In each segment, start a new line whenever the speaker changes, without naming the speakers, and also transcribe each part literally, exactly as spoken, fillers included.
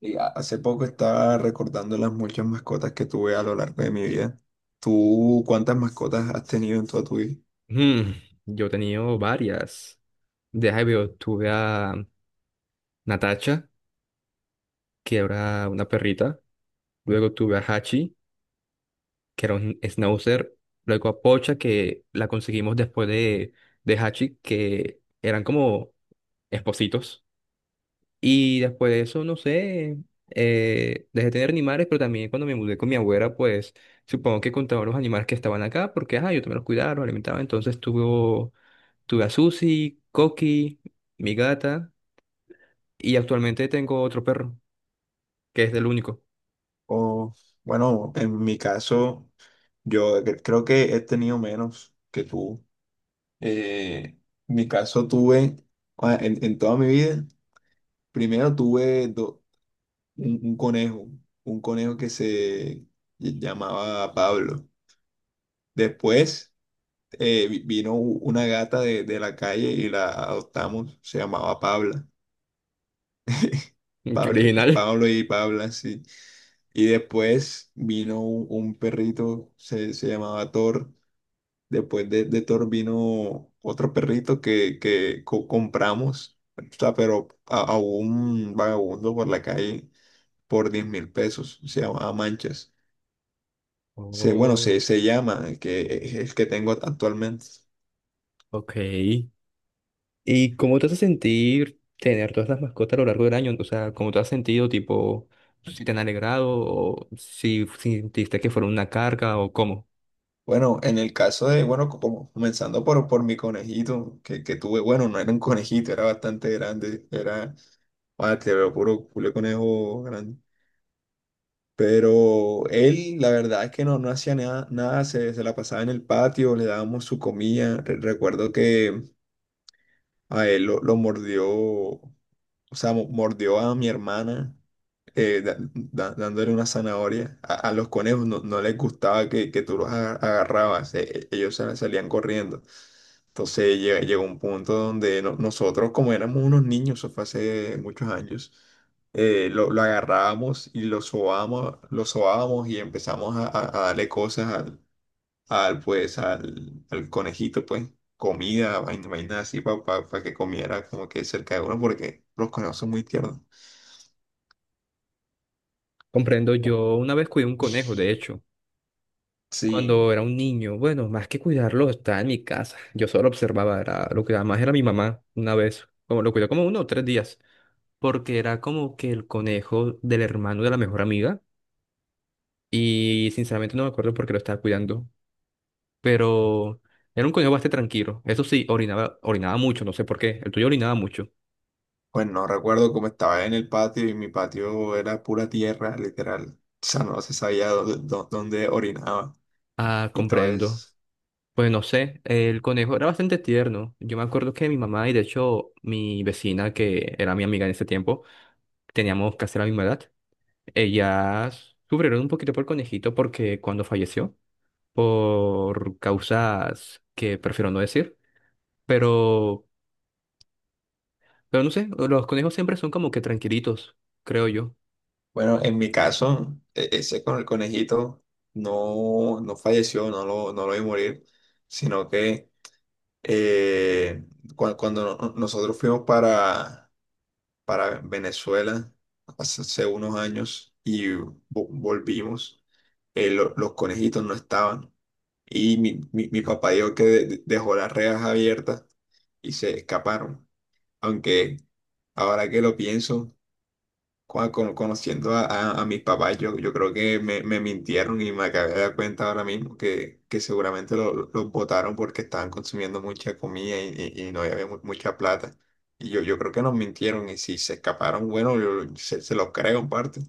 Y a- hace poco estaba recordando las muchas mascotas que tuve a lo largo de mi vida. ¿Tú cuántas mascotas has tenido en toda tu vida?
Mm, yo he tenido varias. De Jaibeo tuve a Natasha, que era una perrita. Luego tuve a Hachi, que era un schnauzer. Luego a Pocha, que la conseguimos después de, de Hachi, que eran como espositos. Y después de eso, no sé, eh, dejé de tener animales, pero también cuando me mudé con mi abuela, pues supongo que contaba los animales que estaban acá, porque ajá, yo también los cuidaba, los alimentaba. Entonces tuve, tuve a Susi, Coqui, mi gata. Y actualmente tengo otro perro, que es el único.
O, bueno, en mi caso, yo cre- creo que he tenido menos que tú. Eh, en mi caso tuve, ah, en, en toda mi vida, primero tuve do- un, un conejo, un conejo que se llamaba Pablo. Después eh, vi- vino u- una gata de, de la calle y la adoptamos, se llamaba Pabla.
Qué
Pa-
original.
Pablo y Paula, sí. Y después vino un, un perrito, se, se llamaba Thor. Después de, de Thor vino otro perrito que, que co- compramos, o sea, pero a, a un vagabundo por la calle por diez mil pesos. Se llamaba Manchas. Se, bueno, se,
Oh,
se llama, el que, es el que tengo actualmente.
ok. ¿Y cómo te hace sentir tener todas las mascotas a lo largo del año? O sea, ¿cómo te has sentido, tipo, si te han alegrado o si sentiste que fueron una carga o cómo?
Bueno, en el caso de, bueno, como comenzando por, por mi conejito que, que tuve, bueno, no era un conejito, era bastante grande, era... Ah, te veo puro culé conejo grande. Pero él, la verdad es que no, no hacía nada, nada, se, se la pasaba en el patio, le dábamos su comida. Re- Recuerdo que a él lo, lo mordió, o sea, mo- mordió a mi hermana eh, da- da- dándole una zanahoria. A, a los conejos no, no les gustaba que, que tú los aga- agarrabas, eh, eh, ellos sal- salían corriendo. Entonces lle- llegó un punto donde no- nosotros, como éramos unos niños, eso fue hace muchos años, eh, lo, lo agarrábamos y lo sobábamos, lo sobábamos y empezamos a, a- a darle cosas al, al, pues, al, al conejito, pues, comida, vaina, vaina así, para que comiera como que cerca de uno, porque los conejos son muy tiernos.
Comprendo, yo una vez cuidé un conejo, de hecho,
Sí.
cuando era un niño. Bueno, más que cuidarlo, estaba en mi casa. Yo solo observaba, era, lo que más era mi mamá una vez. Como lo cuidó como uno o tres días, porque era como que el conejo del hermano de la mejor amiga. Y sinceramente no me acuerdo por qué lo estaba cuidando, pero era un conejo bastante tranquilo. Eso sí, orinaba, orinaba mucho, no sé por qué. ¿El tuyo orinaba mucho?
Pues no recuerdo cómo estaba en el patio y mi patio era pura tierra, literal. O sea, no se sabía dónde, dó- dónde orinaba
Ah,
y todo
comprendo.
eso.
Pues no sé, el conejo era bastante tierno. Yo me acuerdo que mi mamá y de hecho mi vecina, que era mi amiga en ese tiempo, teníamos casi la misma edad. Ellas sufrieron un poquito por el conejito porque cuando falleció, por causas que prefiero no decir, pero, pero, no sé, los conejos siempre son como que tranquilitos, creo yo.
Bueno, en mi caso, e- ese con el conejito no, no falleció, no lo, no lo vi morir, sino que eh, cua- cuando no- nosotros fuimos para, para Venezuela hace hace unos años y vo- volvimos. Eh, lo- los conejitos no estaban. Y mi, mi- mi papá dijo que de- de- dejó las rejas abiertas y se escaparon. Aunque ahora que lo pienso, Cua- con- conociendo a, a, a mis papás, yo, yo creo que me, me mintieron y me acabé de dar cuenta ahora mismo que, que seguramente lo- lo- los votaron porque estaban consumiendo mucha comida y, y- y no había mu- mucha plata. Y yo, yo creo que nos mintieron y si se escaparon, bueno, yo- se, se los creo en parte,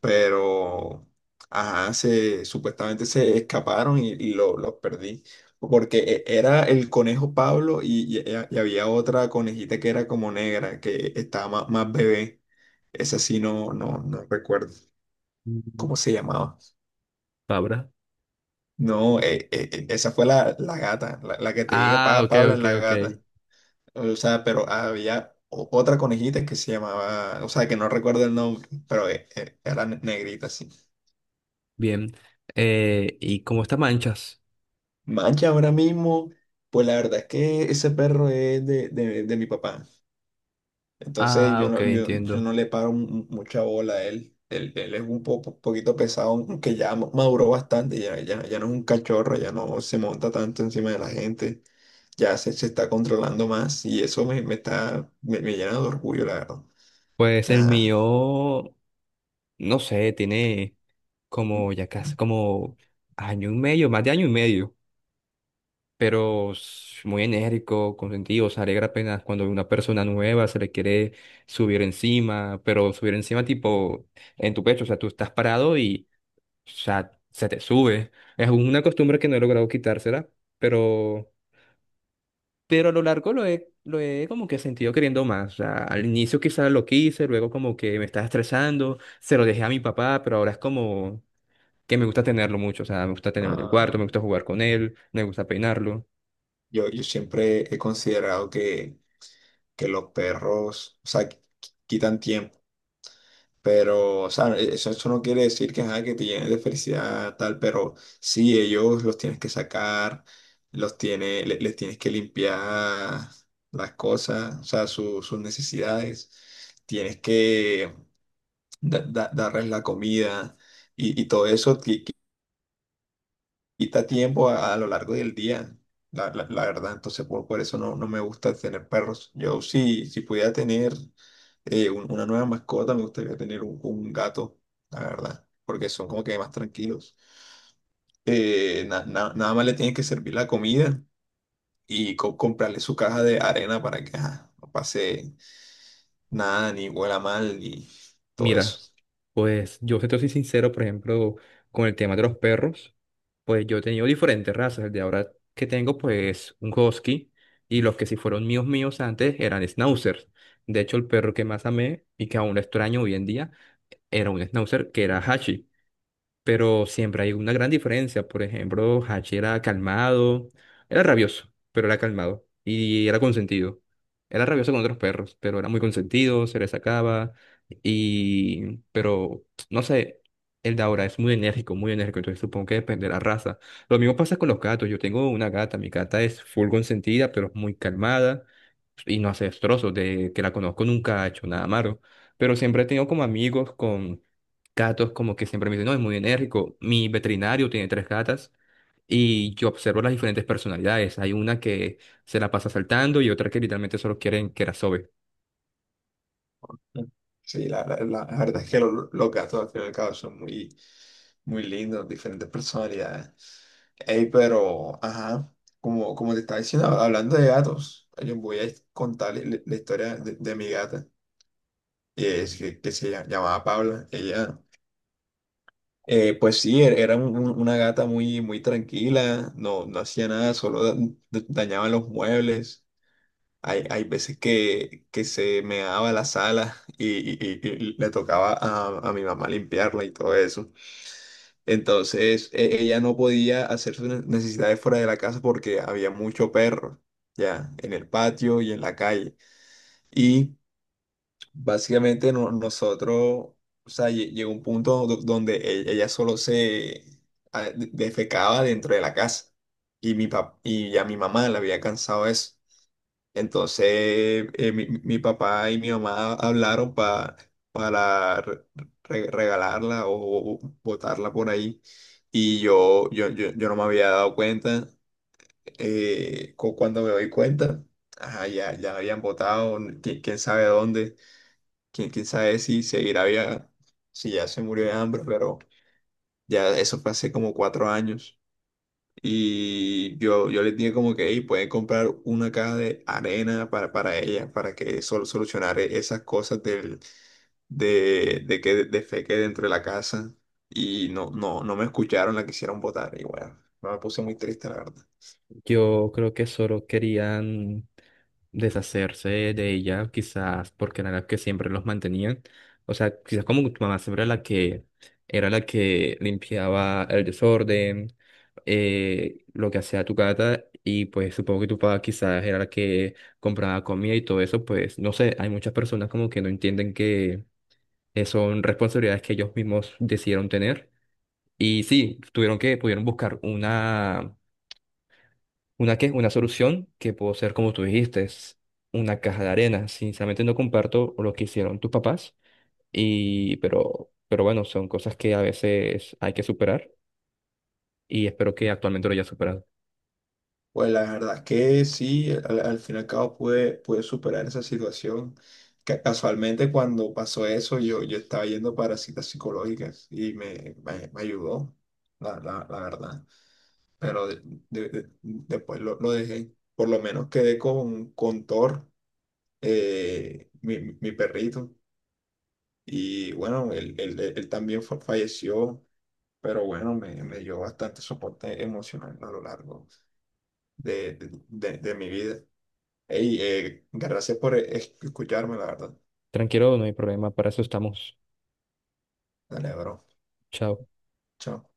pero ajá, se, supuestamente se escaparon y, y lo- los perdí. Porque e- era el conejo Pablo y, y- eh, y había otra conejita que era como negra, que estaba más, más bebé. Esa sí no, no, no recuerdo
Mm,
cómo se llamaba.
Fabra.
No, eh, eh, eh, esa fue la, la gata, la, la que te dije,
Ah,
Pa-
ok,
Pablo es
ok,
la
ok.
gata. O sea, pero había o- otra conejita que se llamaba, o sea, que no recuerdo el nombre, pero eh, eh, era negrita, sí.
Bien. Eh, ¿y cómo está manchas?
Mancha, ahora mismo, pues la verdad es que ese perro es de, de- de mi papá. Entonces
Ah,
yo
ok,
no, yo, yo
entiendo.
no le paro mu- mucha bola a él. Él, él es un po- poquito pesado, aunque ya ma- maduró bastante, ya, ya, ya no es un cachorro, ya no se monta tanto encima de la gente, ya se, se está controlando más y eso me, me está, me, me llena de orgullo, la verdad.
Pues el
Ajá.
mío, no sé, tiene como ya casi como año y medio, más de año y medio, pero es muy enérgico, consentido, se alegra apenas cuando una persona nueva se le quiere subir encima, pero subir encima tipo en tu pecho, o sea, tú estás parado y, o sea, se te sube. Es una costumbre que no he logrado quitársela, pero... pero a lo largo lo he, lo he como que sentido queriendo más. O sea, al inicio quizás lo quise, luego como que me estaba estresando, se lo dejé a mi papá, pero ahora es como que me gusta tenerlo mucho. O sea, me gusta tenerlo en el cuarto,
Ah,
me gusta jugar con él, me gusta peinarlo.
yo, yo siempre he considerado que, que los perros, o sea, qui- quitan tiempo. Pero, o sea, eso, eso no quiere decir que, ajá, que te llenes de felicidad, tal, pero sí, ellos los tienes que sacar, los tiene, le- les tienes que limpiar las cosas, o sea, su- sus necesidades, tienes que da- da- darles la comida y, y todo eso quita tiempo a, a lo largo del día, la, la- la verdad. Entonces, por, por eso no, no me gusta tener perros. Yo sí, si pudiera tener eh, un- una nueva mascota, me gustaría tener un, un gato, la verdad, porque son como que más tranquilos. Eh, na- na- nada más le tienes que servir la comida y co- comprarle su caja de arena para que ajá, no pase nada, ni huela mal, ni todo
Mira,
eso.
pues yo si te soy sincero, por ejemplo, con el tema de los perros, pues yo he tenido diferentes razas. El de ahora que tengo, pues un husky, y los que sí fueron míos míos antes eran schnauzers. De hecho, el perro que más amé y que aún lo extraño hoy en día era un schnauzer que era Hachi. Pero siempre hay una gran diferencia. Por ejemplo, Hachi era calmado, era rabioso, pero era calmado y era consentido. Era rabioso con otros perros, pero era muy consentido, se le sacaba. Y, pero, no sé, el de ahora es muy enérgico, muy enérgico, entonces supongo que depende de la raza. Lo mismo pasa con los gatos. Yo tengo una gata, mi gata es full consentida, pero es muy calmada y no hace destrozos. De que la conozco nunca ha hecho nada malo. Pero siempre he tenido como amigos con gatos como que siempre me dicen, no, es muy enérgico. Mi veterinario tiene tres gatas y yo observo las diferentes personalidades. Hay una que se la pasa saltando y otra que literalmente solo quieren que la...
Sí, la, la- la- la verdad es que lo- los gatos al fin y al cabo son muy, muy lindos, diferentes personalidades. Ey, pero, ajá, como, como te estaba diciendo, hablando de gatos, yo voy a contar la, la historia de, de mi gata, que es, que, que se llama- llamaba Paula. Ella, eh, pues sí, er- era un- un- una gata muy, muy tranquila, no, no hacía nada, solo da- da- dañaba los muebles. Hay, hay veces que, que se me daba la sala y, y- y- y le tocaba a, a mi mamá limpiarla y todo eso. Entonces e- ella no podía hacer sus ne- necesidades fuera de la casa porque había mucho perro, ya, en el patio y en la calle. Y básicamente no- nosotros, o sea, lle- llegó un punto do- donde e- ella solo se ah, de- defecaba dentro de la casa. Y, mi pap- y ya mi mamá le había cansado eso. Entonces, eh, mi, mi papá y mi mamá hablaron pa- para re- re- regalarla o botarla por ahí. Y yo, yo, yo, yo no me había dado cuenta. Eh, cu- cuando me doy cuenta, ajá, ya, ya la habían botado, quién, quién sabe dónde, quién, quién sabe si seguirá viva, si ya se murió de hambre, pero ya eso fue hace como cuatro años. Y yo, yo le dije como que, hey, puede comprar una caja de arena para, para ella, para que sol solucionar e- esas cosas del, de, de que defeque dentro de la casa. Y no, no, no me escucharon, la quisieron votar. Y bueno, no me puse muy triste, la verdad.
Yo creo que solo querían deshacerse de ella, quizás porque era la que siempre los mantenían. O sea, quizás como tu mamá siempre era la que era la que limpiaba el desorden, eh, lo que hacía tu gata, y pues supongo que tu papá quizás era la que compraba comida y todo eso, pues no sé, hay muchas personas como que no entienden que eh, son responsabilidades que ellos mismos decidieron tener. Y sí, tuvieron que, pudieron buscar una... ¿Una qué? Una solución que puede ser, como tú dijiste, es una caja de arena. Sinceramente no comparto lo que hicieron tus papás, y, pero, pero, bueno, son cosas que a veces hay que superar y espero que actualmente lo hayas superado.
Pues la verdad es que sí, al, al fin y al cabo pude, pude superar esa situación. Ca- Casualmente cuando pasó eso, yo, yo estaba yendo para citas psicológicas y me, me, me ayudó, la, la, la verdad. pero de- de- de- Después lo, lo dejé. Por lo menos quedé con, con Thor, eh, mi, mi perrito. Y bueno, él, él- él- él también fa- falleció, pero bueno, me, me dio bastante soporte emocional a lo largo de, de, de- de mi vida. Ey, eh, gracias por eh, escucharme, la verdad.
Tranquilo, no hay problema, para eso estamos.
Dale, bro.
Chao.
Chao.